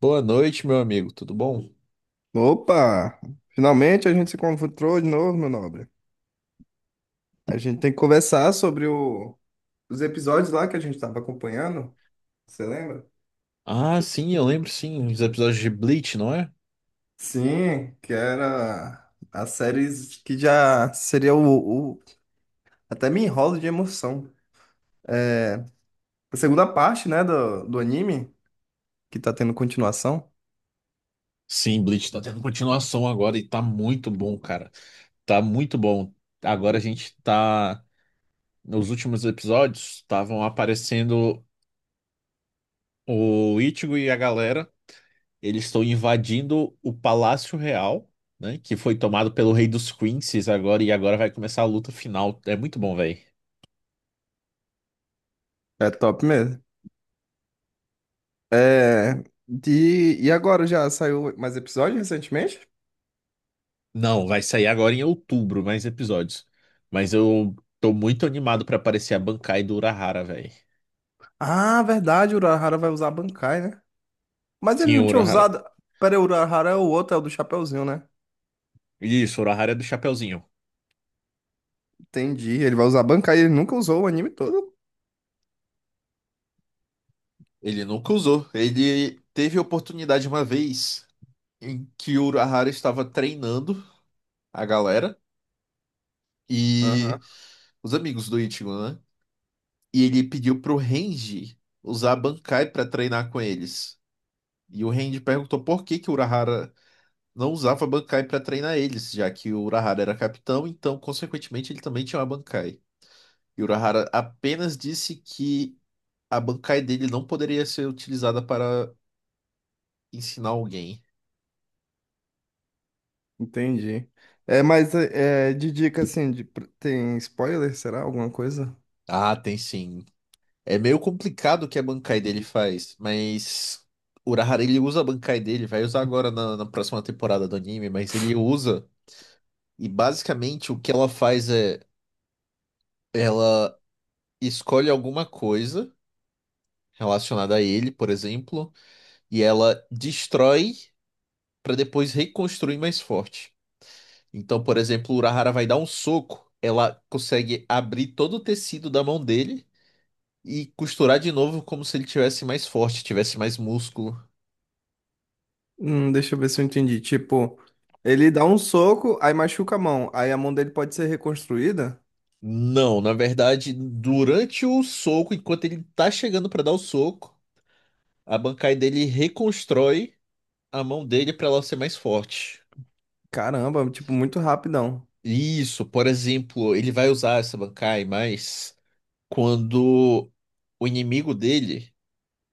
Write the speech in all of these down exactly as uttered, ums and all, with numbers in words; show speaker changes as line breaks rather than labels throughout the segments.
Boa noite, meu amigo, tudo bom?
Opa! Finalmente a gente se encontrou de novo, meu nobre. A gente tem que conversar sobre o- os episódios lá que a gente estava acompanhando. Você lembra?
Ah, sim, eu lembro sim, os episódios de Bleach, não é?
Sim, que era a série que já seria o, o- até me enrolo de emoção. A segunda parte, né, do, do anime, que tá tendo continuação.
Sim, Bleach tá tendo continuação agora e tá muito bom, cara. Tá muito bom. Agora a gente tá. Nos últimos episódios, estavam aparecendo o Ichigo e a galera. Eles estão invadindo o Palácio Real, né? Que foi tomado pelo Rei dos Quincies agora, e agora vai começar a luta final. É muito bom, velho.
É top mesmo. É. De... E agora já saiu mais episódio recentemente?
Não, vai sair agora em outubro, mais episódios. Mas eu tô muito animado pra aparecer a Bankai do Urahara, velho.
Ah, verdade, o Urahara vai usar a Bankai, né? Mas ele
Sim,
não
o
tinha
Urahara.
usado. Pera aí, o Urahara é o outro, é o do Chapeuzinho, né?
Isso, o Urahara é do Chapeuzinho.
Entendi. Ele vai usar a Bankai, ele nunca usou o anime todo.
Ele nunca usou. Ele teve oportunidade uma vez em que o Urahara estava treinando a galera
Aham,
e os amigos do Ichigo, né? E ele pediu pro Renji usar a Bankai para treinar com eles. E o Renji perguntou por que que o Urahara não usava Bankai para treinar eles, já que o Urahara era capitão, então, consequentemente, ele também tinha uma Bankai. E o Urahara apenas disse que a Bankai dele não poderia ser utilizada para ensinar alguém.
entendi. É, mas é, é, de dica assim, de- tem spoiler, será? Alguma coisa?
Ah, tem sim. É meio complicado o que a Bankai dele faz, mas o Urahara ele usa a Bankai dele, vai usar agora na, na próxima temporada do anime, mas ele usa e basicamente o que ela faz é ela escolhe alguma coisa relacionada a ele, por exemplo. E ela destrói para depois reconstruir mais forte. Então, por exemplo, o Urahara vai dar um soco, ela consegue abrir todo o tecido da mão dele e costurar de novo como se ele tivesse mais forte, tivesse mais músculo.
Hum, deixa eu ver se eu entendi. Tipo, ele dá um soco, aí machuca a mão. Aí a mão dele pode ser reconstruída?
Não, na verdade, durante o soco, enquanto ele tá chegando para dar o soco, a Bankai dele reconstrói a mão dele para ela ser mais forte.
Caramba, tipo, muito rapidão.
Isso, por exemplo, ele vai usar essa Bankai mais quando o inimigo dele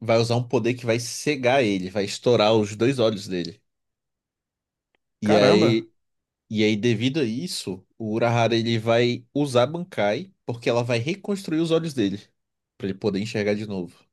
vai usar um poder que vai cegar ele, vai estourar os dois olhos dele. E
Caramba.
aí, e aí devido a isso, o Urahara ele vai usar a Bankai porque ela vai reconstruir os olhos dele pra ele poder enxergar de novo.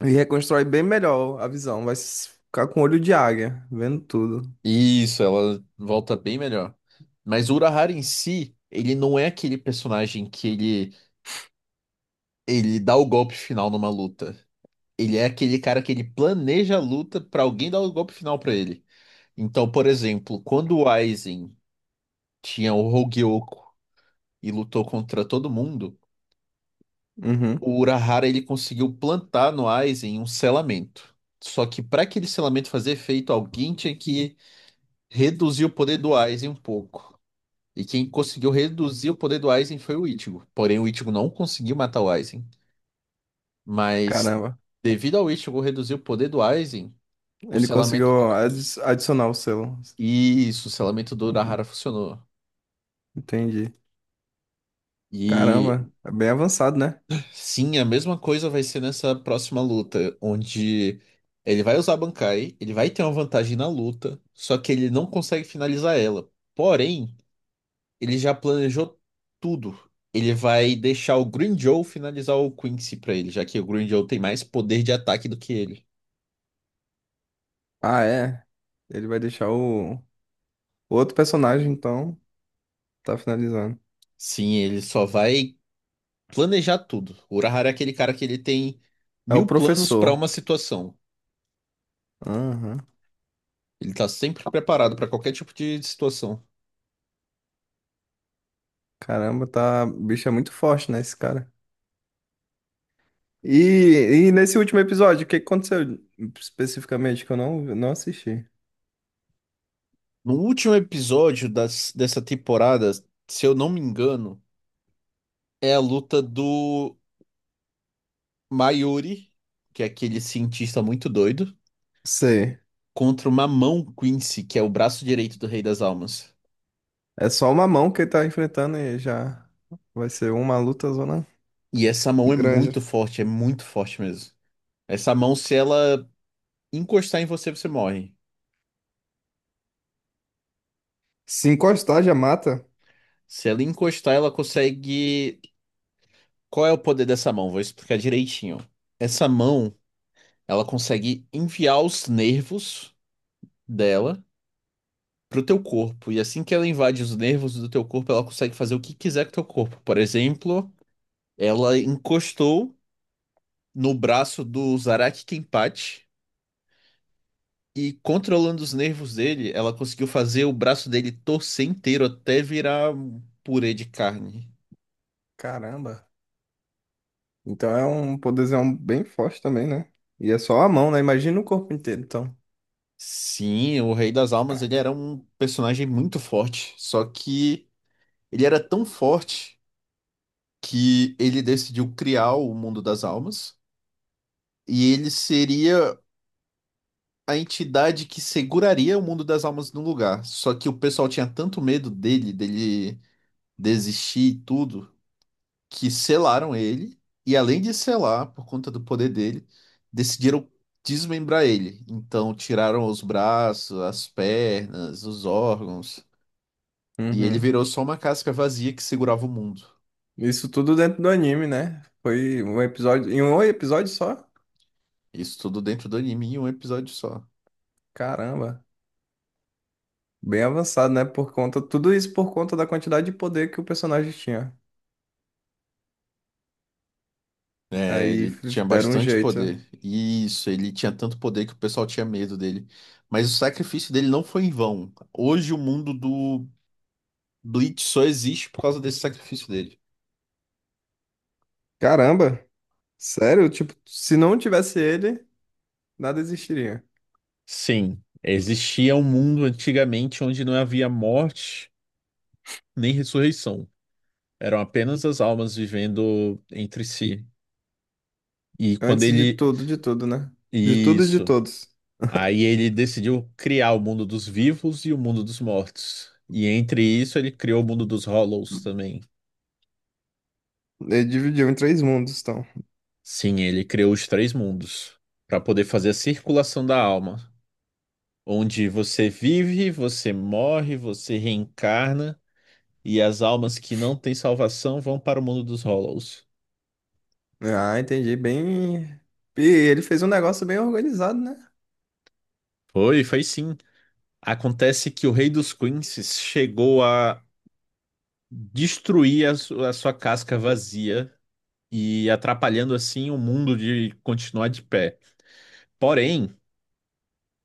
E reconstrói bem melhor a visão. Vai s- ficar com olho de águia, vendo tudo.
Isso, ela volta bem melhor. Mas o Urahara em si, ele não é aquele personagem que ele ele dá o golpe final numa luta. Ele é aquele cara que ele planeja a luta pra alguém dar o golpe final pra ele. Então, por exemplo, quando o Aizen tinha o Hogyoku e lutou contra todo mundo,
Uhum,
o Urahara ele conseguiu plantar no Aizen um selamento. Só que para aquele selamento fazer efeito, alguém tinha que reduzir o poder do Aizen um pouco. E quem conseguiu reduzir o poder do Aizen foi o Ichigo. Porém, o Ichigo não conseguiu matar o Aizen. Mas,
caramba.
devido ao Ichigo reduzir o poder do Aizen, o
Ele
selamento...
conseguiu adi- adicionar o selo.
Isso, o selamento do Urahara funcionou.
Entendi.
E
Caramba, é bem avançado, né?
sim, a mesma coisa vai ser nessa próxima luta, onde ele vai usar a Bankai, ele vai ter uma vantagem na luta, só que ele não consegue finalizar ela. Porém, ele já planejou tudo. Ele vai deixar o Green Joe finalizar o Quincy pra ele, já que o Green Joe tem mais poder de ataque do que ele.
Ah, é. Ele vai deixar o. Outro personagem, então, tá finalizando.
Sim, ele só vai planejar tudo. O Urahara é aquele cara que ele tem
É o
mil planos pra
professor.
uma situação.
Aham.
Ele tá sempre preparado pra qualquer tipo de situação.
Caramba, tá. O bicho é muito forte, né, esse cara? E, e nesse último episódio, o que aconteceu especificamente que eu não, não assisti?
No último episódio das, dessa temporada, se eu não me engano, é a luta do Mayuri, que é aquele cientista muito doido,
Sei.
contra uma mão Quincy, que é o braço direito do Rei das Almas.
É só uma mão que ele tá enfrentando e já vai ser uma luta zona
E essa mão é muito
grande.
forte, é muito forte mesmo. Essa mão, se ela encostar em você, você morre.
Se encostar, já mata.
Se ela encostar, ela consegue. Qual é o poder dessa mão? Vou explicar direitinho. Essa mão, ela consegue enviar os nervos dela pro teu corpo. E assim que ela invade os nervos do teu corpo, ela consegue fazer o que quiser com o teu corpo. Por exemplo, ela encostou no braço do Zaraki Kenpachi e controlando os nervos dele, ela conseguiu fazer o braço dele torcer inteiro até virar um purê de carne.
Caramba. Então é um poderzão bem forte também, né? E é só a mão, né? Imagina o corpo inteiro, então.
Sim, o Rei das Almas, ele era um personagem muito forte, só que ele era tão forte que ele decidiu criar o Mundo das Almas e ele seria a entidade que seguraria o mundo das almas no lugar. Só que o pessoal tinha tanto medo dele, dele desistir e tudo, que selaram ele. E além de selar, por conta do poder dele, decidiram desmembrar ele. Então tiraram os braços, as pernas, os órgãos. E ele
Uhum.
virou só uma casca vazia que segurava o mundo.
Isso tudo dentro do anime, né? Foi um episódio, em um episódio só?
Isso tudo dentro do anime em um episódio só.
Caramba, bem avançado, né? Por conta, tudo isso por conta da quantidade de poder que o personagem tinha.
É,
Aí
ele
f-
tinha
deram um
bastante
jeito.
poder. Isso, ele tinha tanto poder que o pessoal tinha medo dele. Mas o sacrifício dele não foi em vão. Hoje o mundo do Bleach só existe por causa desse sacrifício dele.
Caramba, sério? Tipo, se não tivesse ele, nada existiria.
Sim, existia um mundo antigamente onde não havia morte nem ressurreição. Eram apenas as almas vivendo entre si. E quando
Antes de
ele.
tudo, de tudo, né? De tudo e de
Isso.
todos.
Aí ele decidiu criar o mundo dos vivos e o mundo dos mortos. E entre isso ele criou o mundo dos Hollows também.
Ele dividiu em três mundos, então.
Sim, ele criou os três mundos para poder fazer a circulação da alma, onde você vive, você morre, você reencarna e as almas que não têm salvação vão para o mundo dos Hollows.
Ah, entendi. Bem. E ele fez um negócio bem organizado, né?
Foi, foi sim. Acontece que o Rei dos Quinces chegou a destruir a, su- a sua casca vazia e atrapalhando assim o mundo de continuar de pé. Porém,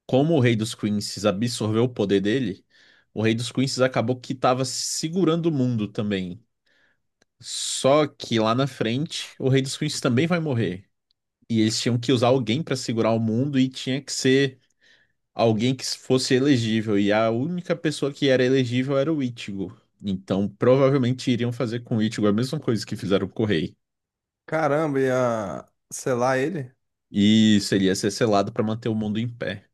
como o Rei dos Queens absorveu o poder dele, o Rei dos Queens acabou que estava segurando o mundo também. Só que lá na frente, o Rei dos Queens também vai morrer. E eles tinham que usar alguém para segurar o mundo e tinha que ser alguém que fosse elegível. E a única pessoa que era elegível era o Ichigo. Então, provavelmente iriam fazer com o Ichigo a mesma coisa que fizeram com o Rei.
Caramba, e a. Sei lá, ele.
E seria ser selado para manter o mundo em pé.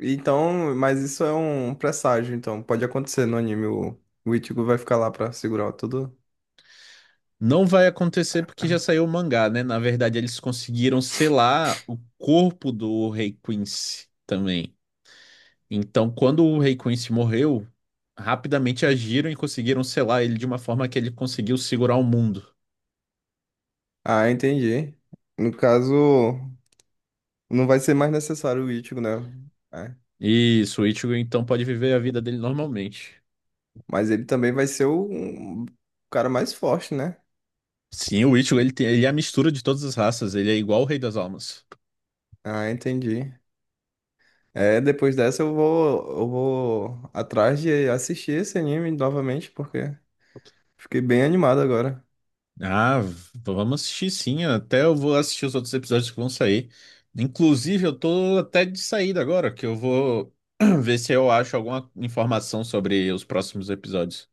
Então, mas isso é um presságio, então pode acontecer no anime. O, o Ichigo vai ficar lá pra segurar tudo.
Não vai acontecer porque já saiu o mangá, né? Na verdade, eles conseguiram selar o corpo do Rei Quincy também. Então, quando o Rei Quincy morreu, rapidamente agiram e conseguiram selar ele de uma forma que ele conseguiu segurar o mundo.
Ah, entendi. No caso, não vai ser mais necessário o Ichigo, né? É.
Isso, o Ichigo então pode viver a vida dele normalmente.
Mas ele também vai ser o, um cara mais forte, né?
Sim, o Ichigo ele tem, ele é a mistura de todas as raças, ele é igual o Rei das Almas.
Ah, entendi. É, depois dessa eu vou, eu vou atrás de assistir esse anime novamente, porque fiquei bem animado agora.
Ah, v- vamos assistir sim. Até eu vou assistir os outros episódios que vão sair. Inclusive, eu tô até de saída agora, que eu vou ver se eu acho alguma informação sobre os próximos episódios.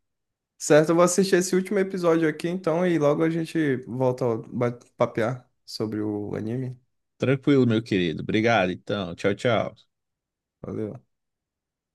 Certo, eu vou assistir esse último episódio aqui então e logo a gente volta a ba- papear sobre o anime.
Tranquilo, meu querido. Obrigado, então. Tchau, tchau.
Valeu.